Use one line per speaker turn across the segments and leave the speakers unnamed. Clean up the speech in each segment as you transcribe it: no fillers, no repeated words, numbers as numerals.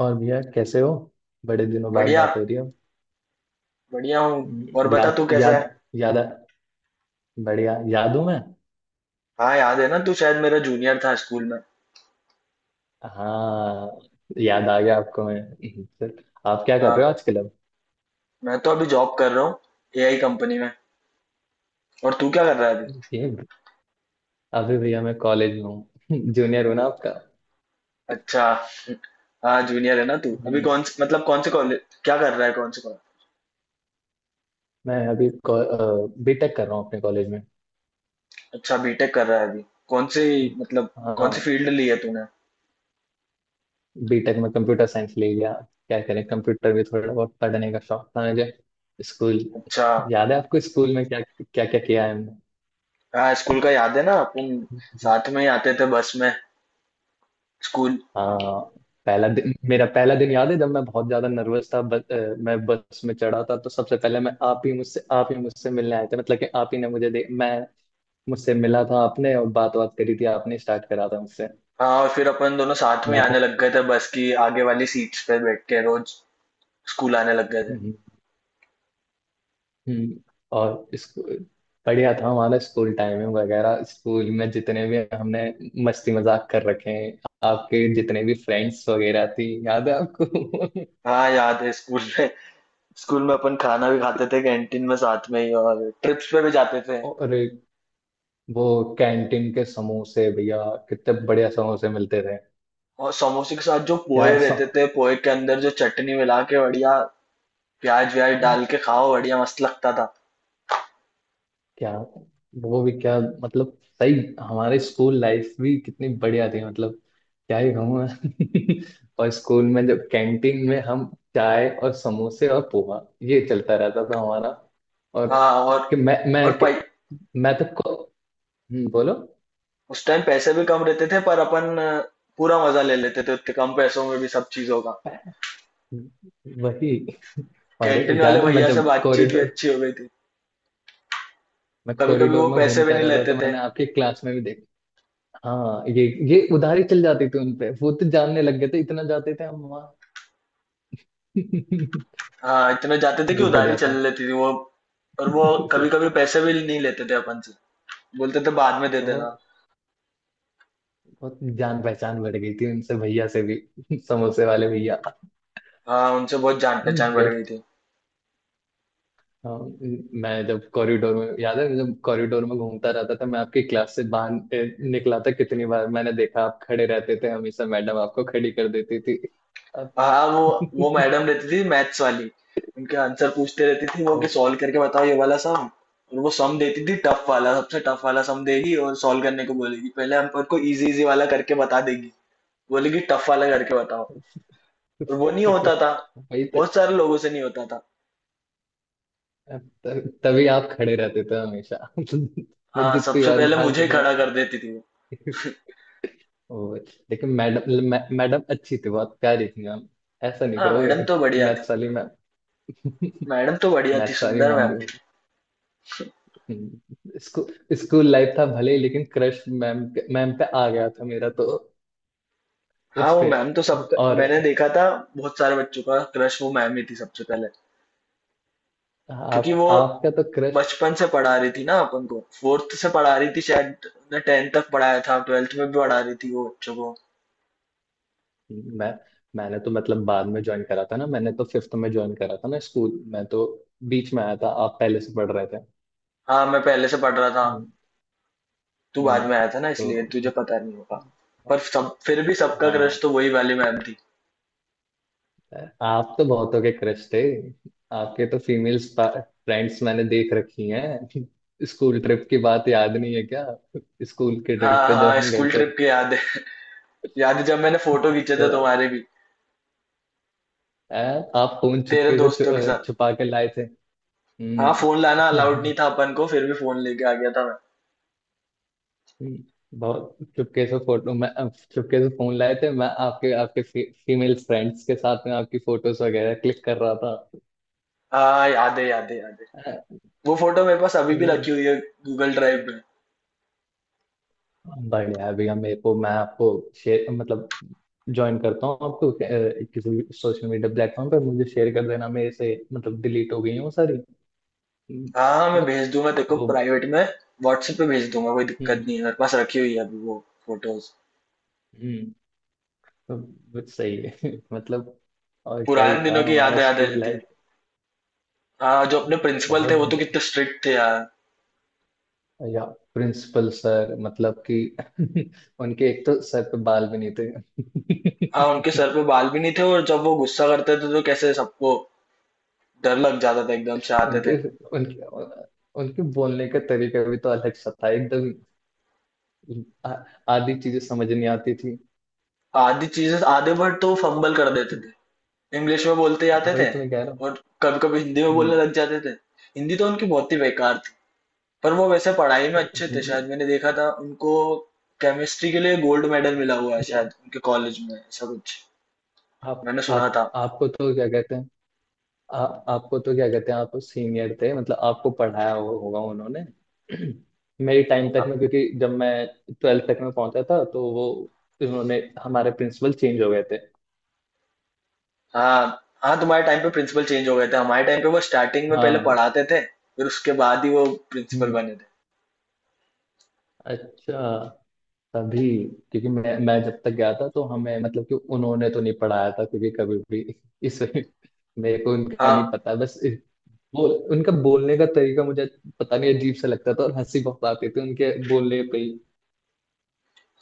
और भैया कैसे हो। बड़े दिनों बाद
बढ़िया।
बात हो रही हो।
बढ़िया हूँ। और बता
याद
तू कैसा
याद
है।
याद आ- बढ़िया, याद हूँ मैं।
हाँ याद है ना, तू शायद मेरा जूनियर था स्कूल में।
हाँ, याद आ गया आपको। मैं सर, आप क्या कर रहे
हाँ
हो आजकल अब।
मैं तो अभी जॉब कर रहा हूँ एआई कंपनी में। और तू क्या कर रहा है अभी।
ये अभी भैया मैं कॉलेज में हूँ जूनियर हूँ ना आपका।
अच्छा। हाँ जूनियर है ना तू। अभी
हम्म,
कौन से मतलब कौन से कॉलेज, क्या कर रहा है, कौन से कॉलेज।
मैं अभी बीटेक कर रहा हूँ अपने कॉलेज में।
अच्छा बीटेक कर रहा है अभी, कौन सी मतलब कौन सी
हाँ,
फील्ड ली है तूने।
बीटेक में कंप्यूटर साइंस ले लिया। क्या करें, कंप्यूटर भी थोड़ा बहुत पढ़ने का शौक था मुझे। स्कूल
अच्छा।
याद है आपको? स्कूल में क्या क्या क्या किया है
हाँ स्कूल का याद है ना अपन।
हमने।
साथ में ही आते थे बस में, स्कूल।
हाँ, पहला दिन मेरा पहला दिन याद है, जब मैं बहुत ज्यादा नर्वस था। मैं बस में चढ़ा था तो सबसे पहले मैं आप ही मुझसे मिलने आए थे। मतलब कि आप ही ने मुझे दे मैं मुझसे मिला था आपने, और बात बात करी थी आपने, स्टार्ट करा था मुझसे।
हाँ और फिर अपन दोनों साथ में ही
मैं
आने
तो
लग गए थे, बस की आगे वाली सीट्स पे बैठ के रोज स्कूल आने लग गए थे।
हम्म, हम्म, और स्कूल बढ़िया था हमारा। स्कूल टाइमिंग वगैरह, स्कूल में जितने भी हमने मस्ती मजाक कर रखे हैं। आपके जितने भी फ्रेंड्स वगैरह थी, याद है आपको
हाँ याद है स्कूल में। स्कूल में अपन खाना भी खाते थे कैंटीन में साथ में ही, और ट्रिप्स पे भी जाते थे।
और वो कैंटीन के समोसे भैया, कितने बढ़िया समोसे मिलते थे।
और समोसे के साथ जो पोहे
क्या सम...
रहते थे, पोहे के अंदर जो चटनी मिला के बढ़िया प्याज व्याज डाल के खाओ, बढ़िया मस्त लगता था।
क्या वो भी क्या, मतलब सही। हमारे स्कूल लाइफ भी कितनी बढ़िया थी, मतलब क्या ही कहूँ मैं और स्कूल में जब कैंटीन में हम, चाय और समोसे और पोहा, ये चलता रहता था हमारा। और
हाँ और
कि
और
मैं कि, मैं तो को, बोलो।
उस टाइम पैसे भी कम रहते थे, पर अपन पूरा मजा ले लेते थे उतने कम पैसों में भी सब चीजों का।
वही। और
कैंटीन वाले
याद है,
भैया से बातचीत भी अच्छी हो गई थी।
मैं
कभी कभी
कॉरिडोर
वो
में
पैसे भी
घूमता
नहीं
रहता,
लेते
तो
थे।
मैंने आपकी क्लास में भी देखा। हाँ, ये उधारी चल जाती थी उनपे। वो तो जानने लग गए थे, इतना जाते थे हम वहाँ
हाँ इतने जाते थे कि
ये
उधारी
बढ़िया
चल
था
लेती थी वो। और वो कभी कभी पैसे भी नहीं लेते थे अपन से, बोलते थे बाद में दे देना।
और बहुत जान पहचान बढ़ गई थी उनसे, भैया से भी समोसे वाले भैया।
हाँ उनसे बहुत जान पहचान बढ़
बट
गई थी।
हाँ, मैं जब कॉरिडोर में, याद है जब कॉरिडोर में घूमता रहता था मैं, आपकी क्लास से बाहर निकला था, कितनी बार मैंने देखा आप खड़े रहते थे हमेशा। मैडम आपको खड़ी कर देती थी। अब-
हाँ वो मैडम रहती थी मैथ्स वाली। उनके आंसर पूछते रहती थी वो कि
और
सॉल्व करके बताओ ये वाला सम। और वो सम देती थी, टफ वाला, सबसे टफ वाला सम देगी और सॉल्व करने को बोलेगी। पहले हम पर को इजी इजी वाला करके बता देगी, बोलेगी टफ वाला करके बताओ। और वो नहीं होता था।
वही तो।
बहुत सारे लोगों से नहीं होता था।
तभी आप खड़े रहते थे हमेशा मैं
हाँ
जितनी
सबसे
बार
पहले
बाहर
मुझे ही खड़ा
निकला।
कर देती थी वो।
लेकिन मैडम, मैडम अच्छी थी, बहुत प्यारी थी मैम। ऐसा नहीं
हाँ मैडम
कहोगे।
तो बढ़िया थी।
मैथ्स वाली मैम
मैडम तो बढ़िया थी,
मैथ्स वाली
सुंदर
मैम भी।
मैम।
स्कूल स्कूल लाइफ था भले ही, लेकिन मैम पे आ गया था मेरा तो।
हाँ
उस
वो
पे।
मैम तो सब।
और
मैंने देखा था बहुत सारे बच्चों का क्रश वो मैम ही थी सबसे पहले, क्योंकि
आप
वो
आपका तो क्रश।
बचपन से पढ़ा रही थी ना अपन को। फोर्थ से पढ़ा रही थी शायद ने, टेंथ तक पढ़ाया था, ट्वेल्थ में भी पढ़ा रही थी वो बच्चों को।
मैं मैंने तो, मतलब बाद में ज्वाइन करा था ना, मैंने तो फिफ्थ में ज्वाइन करा था ना स्कूल। मैं तो बीच में आया था, आप पहले से पढ़ रहे थे।
हाँ मैं पहले से पढ़ रहा था।
हम्म,
तू बाद
हम्म,
में आया था ना, इसलिए
तो
तुझे पता नहीं होगा। पर सब फिर भी, सबका
हाँ,
क्रश तो वही वाली मैम थी।
आप तो बहुतों के क्रश थे। आपके तो फीमेल फ्रेंड्स मैंने देख रखी हैं। स्कूल ट्रिप की बात याद नहीं है क्या? स्कूल के ट्रिप
हाँ
पे जब
हाँ
हम गए
स्कूल
थे,
ट्रिप की याद है। याद है जब मैंने फोटो खींचे
तो
थे तुम्हारे भी,
आ, आप फोन
तेरे
चुपके से
दोस्तों के साथ।
छुपा के लाए थे।
हाँ फोन लाना अलाउड
हम्म,
नहीं था अपन को, फिर भी फोन लेके आ गया था मैं।
बहुत चुपके से फोटो। मैं चुपके से, फोन लाए थे, मैं आपके, आपके फीमेल फ्रेंड्स के साथ में आपकी फोटोज वगैरह क्लिक कर रहा था।
हाँ याद है, याद है, याद है। वो फोटो मेरे पास अभी भी
हम्म,
रखी हुई है, गूगल ड्राइव में।
बढ़िया है भैया। मेरे को, मैं आपको शेयर, मतलब ज्वाइन करता हूँ आपको। किसी भी सोशल मीडिया प्लेटफॉर्म पर मुझे शेयर कर देना, मेरे से मतलब डिलीट हो गई है वो सारी।
हाँ हाँ मैं
बट
भेज दूंगा तेरे को
वो,
प्राइवेट में, व्हाट्सएप पे भेज दूंगा। कोई दिक्कत
हम्म
नहीं है, मेरे पास रखी हुई है अभी वो फोटोज।
हम्म तो बस सही है मतलब। और क्या ही
पुराने
था
दिनों की
हमारा
यादें याद आ
स्कूल
जाती
लाइफ।
है। हाँ जो अपने प्रिंसिपल थे
बहुत
वो तो
ब-
कितने स्ट्रिक्ट थे यार।
या प्रिंसिपल सर, मतलब कि उनके एक तो सर पे बाल भी नहीं थे
हाँ उनके सर पे बाल भी नहीं थे, और जब वो गुस्सा करते थे तो कैसे सबको डर लग जाता था, एकदम से आते थे।
उनके उनके उनके बोलने का तरीका भी तो अलग सा था एकदम। आ- आधी चीजें समझ नहीं आती थी।
आधी चीजें आधे वर्ड तो फंबल कर देते थे, इंग्लिश में बोलते जाते
वही
थे।
तो मैं कह रहा हूँ।
और कभी कभी हिंदी में बोलने
हम्म,
लग जाते थे। हिंदी तो उनकी बहुत ही बेकार। पर वो वैसे पढ़ाई में
अरे
अच्छे थे, शायद मैंने देखा था उनको केमिस्ट्री के लिए गोल्ड मेडल मिला हुआ है शायद उनके कॉलेज में, ऐसा कुछ मैंने सुना
आप
था।
आपको तो क्या कहते हैं। आपको तो क्या कहते हैं, आप सीनियर थे, मतलब आपको पढ़ाया होगा उन्होंने। मेरी टाइम तक में, क्योंकि जब मैं ट्वेल्थ तक में पहुंचा था, तो वो उन्होंने हमारे प्रिंसिपल चेंज हो गए थे।
हाँ हाँ तुम्हारे टाइम पे प्रिंसिपल चेंज हो गए थे, हमारे टाइम पे वो स्टार्टिंग में पहले
हाँ।
पढ़ाते थे, फिर उसके बाद ही वो प्रिंसिपल
हम्म
बने थे।
अच्छा। तभी, क्योंकि मैं जब तक गया था, तो हमें मतलब कि उन्होंने तो नहीं पढ़ाया था, क्योंकि कभी भी इस, मेरे को उनका नहीं
हाँ
पता, बस वो, उनका बोलने का तरीका मुझे पता नहीं, अजीब सा लगता था और हंसी बहुत आती थी उनके बोलने पे ही।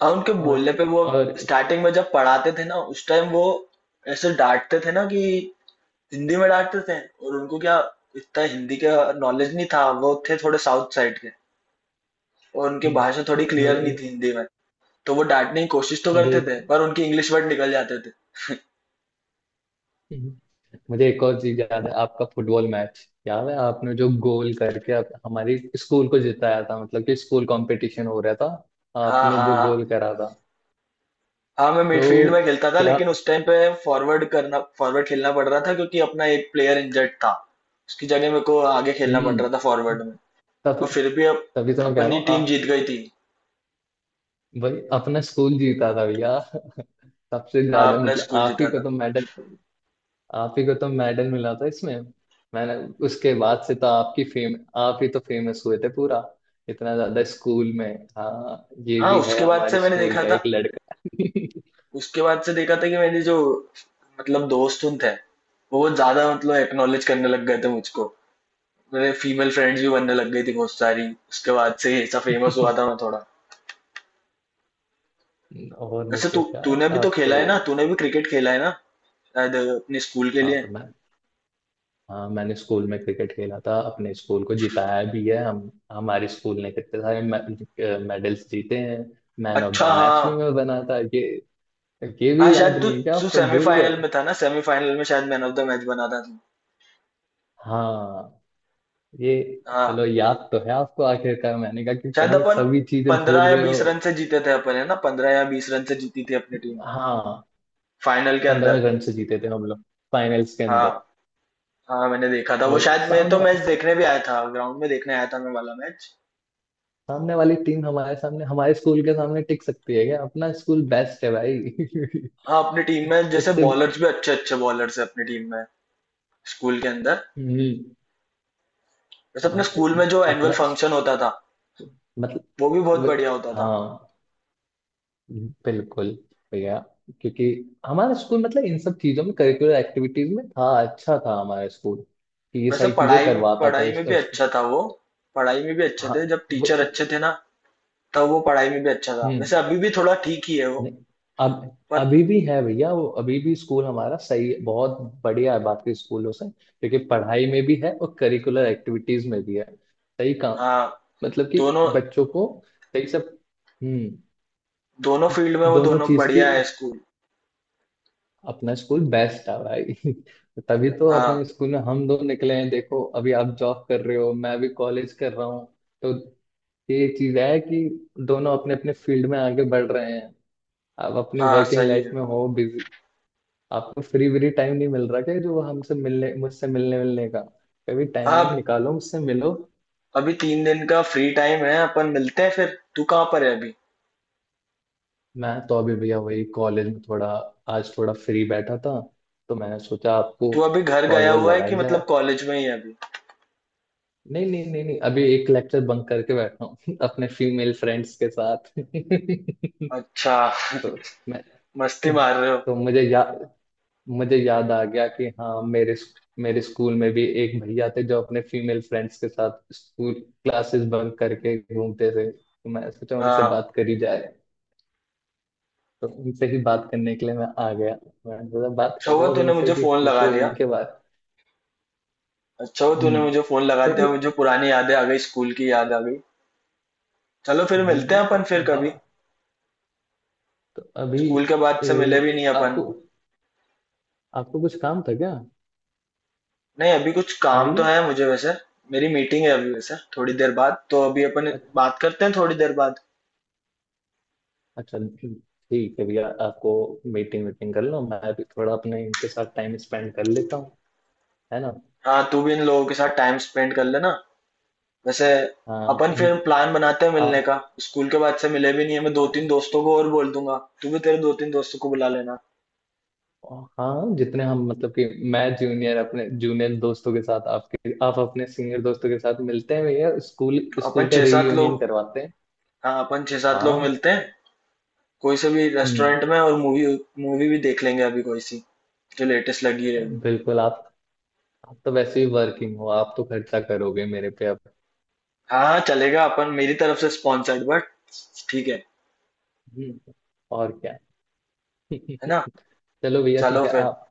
हाँ उनके
और
बोलने पे, वो
और
स्टार्टिंग में जब पढ़ाते थे ना उस टाइम वो ऐसे डांटते थे ना कि हिंदी में डांटते थे। और उनको क्या, इतना हिंदी का नॉलेज नहीं था, वो थे थोड़े साउथ साइड के, और उनकी
हम्म,
भाषा थोड़ी क्लियर नहीं
मुझे,
थी हिंदी में। तो वो डाँटने की कोशिश तो
मुझे
करते
एक
थे, पर उनके इंग्लिश वर्ड निकल जाते थे।
हम्म, मुझे एक और चीज याद है, आपका फुटबॉल मैच। याद है आपने जो गोल करके हमारी स्कूल को जिताया था। मतलब कि स्कूल कंपटीशन हो रहा था,
हाँ,
आपने
हाँ,
जो
हाँ।
गोल करा था।
हाँ, मैं
तो
मिडफ़ील्ड में खेलता था,
क्या।
लेकिन उस टाइम पे फ़ॉरवर्ड खेलना पड़ रहा था क्योंकि अपना एक प्लेयर इंजर्ड था। उसकी जगह मेरे को आगे खेलना पड़ रहा था,
हम्म।
फ़ॉरवर्ड में।
तभी,
और फिर भी अप
तो मैं कह रहा
अपनी
हूँ।
टीम जीत गई थी।
भाई, अपना स्कूल जीता था भैया सबसे
हाँ,
ज्यादा
अपना
मतलब
स्कूल
आप ही
जीता
को
था।
तो मेडल, आप ही को तो मेडल मिला था इसमें। मैंने, उसके बाद से तो आपकी फेम, आप ही तो फेमस हुए थे पूरा, इतना ज्यादा स्कूल में। हाँ, ये
हाँ,
भी है
उसके बाद
हमारे
से मैंने
स्कूल
देखा
का एक
था,
लड़का
उसके बाद से देखा था कि मेरे जो मतलब दोस्त उन थे, वो ज़्यादा मतलब एक्नॉलेज करने लग गए थे मुझको। मेरे फीमेल फ्रेंड्स भी बनने लग गई थी बहुत सारी। उसके बाद से ये सब फ़ेमस हुआ था मैं थोड़ा।
और नहीं
वैसे
तो
तू
क्या।
तूने भी तो
आप
खेला
तो,
है ना, तूने भी क्रिकेट खेला है ना, शायद अपने स्कूल के
हाँ
लिए।
तो मैं, हाँ मैंने स्कूल में क्रिकेट खेला था, अपने स्कूल को जिताया भी है। हम हमारे स्कूल ने कितने सारे मेडल्स जीते हैं। मैन ऑफ
अच्छा
द मैच
हाँ।
भी मैं बना था। ये
हाँ
भी
शायद
याद
तू
नहीं है क्या
तू
आपको, भूल
सेमीफाइनल
गए?
में था ना, सेमीफाइनल में शायद मैन ऑफ द मैच बना था तू।
हाँ। ये,
हाँ
चलो याद तो है आपको आखिरकार। मैंने कहा कि
शायद
कहीं
अपन
सभी चीजें भूल
पंद्रह या
गए हो।
बीस रन से जीते थे अपन, है ना, 15 या 20 रन से जीती थी अपनी टीम,
हाँ,
फाइनल के अंदर।
पंद्रह रन से जीते थे हम लोग, फाइनल्स के अंदर।
हाँ हाँ मैंने देखा था वो,
वही
शायद मैं तो मैच देखने भी आया था ग्राउंड में, देखने आया था मैं वाला मैच।
सामने वाली टीम, हमारे सामने, हमारे स्कूल के सामने टिक सकती है क्या? अपना स्कूल बेस्ट है भाई
हाँ अपनी टीम में जैसे
उससे।
बॉलर्स भी अच्छे, अच्छे बॉलर्स है अपनी टीम में, स्कूल के अंदर।
हम्म
वैसे अपने
तो
स्कूल में जो एनुअल
अपना,
फंक्शन होता था
मतलब,
वो भी बहुत
वे-
बढ़िया होता था।
हाँ, बिल्कुल भैया, क्योंकि हमारा स्कूल, मतलब इन सब चीजों में, करिकुलर एक्टिविटीज में था, अच्छा था हमारा स्कूल कि ये
वैसे
सारी चीजें
पढ़ाई में,
करवाता था।
पढ़ाई
इस,
में भी
इस
अच्छा था वो। पढ़ाई में भी अच्छे
हाँ,
थे जब
वो-
टीचर अच्छे थे ना, तब वो पढ़ाई में भी अच्छा था।
हम्म
वैसे अभी भी थोड़ा ठीक ही है वो।
नहीं, अब
पर
अभी भी है भैया वो, अभी भी स्कूल हमारा सही है, बहुत बढ़िया है, बाकी स्कूलों से, क्योंकि पढ़ाई में भी है और करिकुलर एक्टिविटीज में भी है, सही काम,
हाँ
मतलब कि
दोनों
बच्चों को सही सब। हम्म
दोनों फील्ड में वो
दोनों
दोनों
चीज की।
बढ़िया है स्कूल।
अपना स्कूल बेस्ट था भाई तभी तो अपने
हाँ
स्कूल में हम दो निकले हैं, देखो, अभी आप जॉब कर रहे हो, मैं भी कॉलेज कर रहा हूँ। तो ये चीज है कि दोनों अपने अपने फील्ड में आगे बढ़ रहे हैं। आप अपनी
हाँ
वर्किंग
सही
लाइफ
है।
में हो बिजी, आपको फ्री व्री टाइम नहीं मिल रहा क्या, जो हमसे मिलने, मुझसे मिलने मिलने का? कभी टाइम
हाँ
वाइम
अब-
निकालो, मुझसे मिलो।
अभी 3 दिन का फ्री टाइम है, अपन मिलते हैं फिर। तू कहाँ पर है अभी,
मैं तो अभी भैया वही कॉलेज में, थोड़ा आज थोड़ा फ्री बैठा था, तो मैंने सोचा आपको
तू अभी घर
कॉल
गया
वॉल
हुआ है कि
लगाई जाए।
मतलब कॉलेज में ही है अभी।
नहीं नहीं नहीं नहीं, अभी एक लेक्चर बंक करके बैठा हूँ अपने फीमेल फ्रेंड्स के साथ
अच्छा।
तो मैं,
मस्ती मार रहे हो।
तो मुझे याद आ गया कि हाँ, मेरे मेरे स्कूल में भी एक भैया थे, जो अपने फीमेल फ्रेंड्स के साथ स्कूल क्लासेस बंक करके घूमते थे, तो मैं सोचा उनसे
हाँ
बात करी जाए। तो उनसे ही बात करने के लिए मैं आ गया। मैंने बोला बात
अच्छा हुआ
करो अब
तूने
इनसे,
मुझे
कि
फोन लगा
पूछो
दिया,
इनके बारे।
अच्छा हुआ तूने
हम्म,
मुझे फोन लगा
तो
दिया,
नहीं,
मुझे पुरानी यादें आ गई, स्कूल की याद आ गई। चलो
तो
फिर
नहीं
मिलते हैं अपन
बेटा,
फिर
वाह।
कभी।
तो अभी,
स्कूल के बाद
अ,
से मिले भी नहीं अपन।
आपको आपको कुछ काम था क्या?
नहीं, अभी कुछ
है
काम तो
भैया।
है मुझे वैसे। मेरी मीटिंग है अभी वैसे थोड़ी देर बाद, तो अभी अपन
अच-
बात करते हैं थोड़ी देर बाद।
अच्छा, ठीक है भैया, आपको मीटिंग वीटिंग कर लो, मैं भी थोड़ा अपने इनके साथ टाइम स्पेंड कर लेता हूँ, है ना।
हाँ, तू भी इन लोगों के साथ टाइम स्पेंड कर लेना। वैसे
हाँ
अपन
इन,
फिर प्लान बनाते हैं
आ,
मिलने का। स्कूल के बाद से मिले भी नहीं है। मैं
आ,
2-3 दोस्तों को और बोल दूंगा। तू भी तेरे 2-3 दोस्तों को बुला लेना।
हाँ, जितने हम, मतलब कि मैं जूनियर, अपने जूनियर दोस्तों के साथ, आपके, आप अपने सीनियर दोस्तों के साथ मिलते हैं भैया, स्कूल
अपन
स्कूल का
6-7 लोग।
रीयूनियन करवाते हैं।
हाँ, अपन 6-7 लोग
हाँ।
मिलते हैं। कोई से भी
हम्म
रेस्टोरेंट में, और मूवी, मूवी भी देख लेंगे अभी कोई सी, जो लेटेस्ट लगी रहेगी।
बिल्कुल। आप तो वैसे ही वर्किंग हो, आप तो खर्चा करोगे मेरे पे अब।
हाँ चलेगा अपन, मेरी तरफ से स्पॉन्सर्ड, बट ठीक है।
हम्म, और
है ना।
क्या चलो भैया ठीक
चलो
है,
फिर।
आप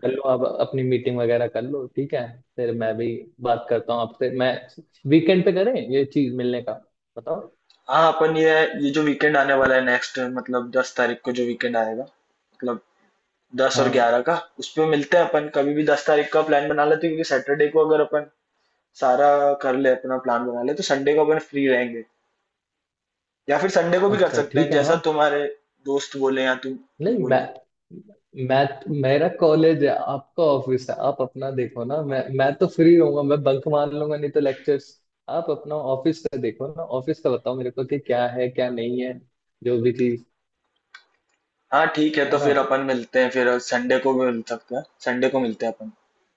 कर लो, आप अपनी मीटिंग वगैरह कर लो। ठीक है, फिर मैं भी बात करता हूँ आपसे। मैं वीकेंड पे करें ये चीज मिलने का, बताओ।
हाँ अपन ये जो वीकेंड आने वाला है नेक्स्ट, मतलब 10 तारीख को जो वीकेंड आएगा, मतलब दस और
हाँ
ग्यारह का, उस पे मिलते हैं अपन कभी भी। 10 तारीख का प्लान बना लेते हैं, क्योंकि सैटरडे को अगर अपन सारा कर ले, अपना प्लान बना ले, तो संडे को अपन फ्री रहेंगे। या फिर संडे को भी कर
अच्छा,
सकते हैं,
ठीक है।
जैसा
हाँ
तुम्हारे दोस्त बोले या तुम तू
नहीं,
बोले।
मैं मैं मेरा कॉलेज है, आपका ऑफिस है, आप अपना देखो ना। मैं तो फ्री रहूंगा, मैं बंक मार लूंगा नहीं तो लेक्चर्स। आप अपना ऑफिस का देखो ना, ऑफिस का बताओ मेरे को कि क्या है क्या नहीं है, जो भी चीज,
हाँ ठीक है,
है
तो
ना।
फिर अपन मिलते हैं। फिर संडे को भी मिल सकते हैं, संडे को मिलते हैं अपन।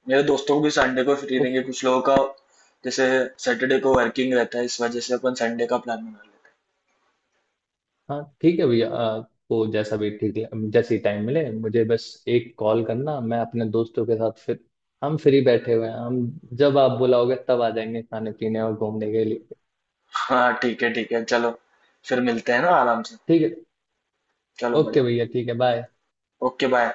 मेरे दोस्तों को भी संडे को फ्री देंगे, कुछ लोगों का जैसे सैटरडे को वर्किंग रहता है, इस वजह से अपन संडे का प्लान बना लेते
हाँ ठीक है भैया, आपको जैसा भी ठीक है, जैसे टाइम मिले, मुझे बस एक कॉल करना। मैं अपने दोस्तों के साथ, फिर हम फ्री बैठे हुए हैं हम। जब आप बुलाओगे तब आ जाएंगे खाने पीने और घूमने के लिए।
हैं। हाँ ठीक है चलो। फिर मिलते हैं ना आराम से।
ठीक है।
चलो
ओके
बढ़िया।
भैया, ठीक है, बाय।
Okay bye.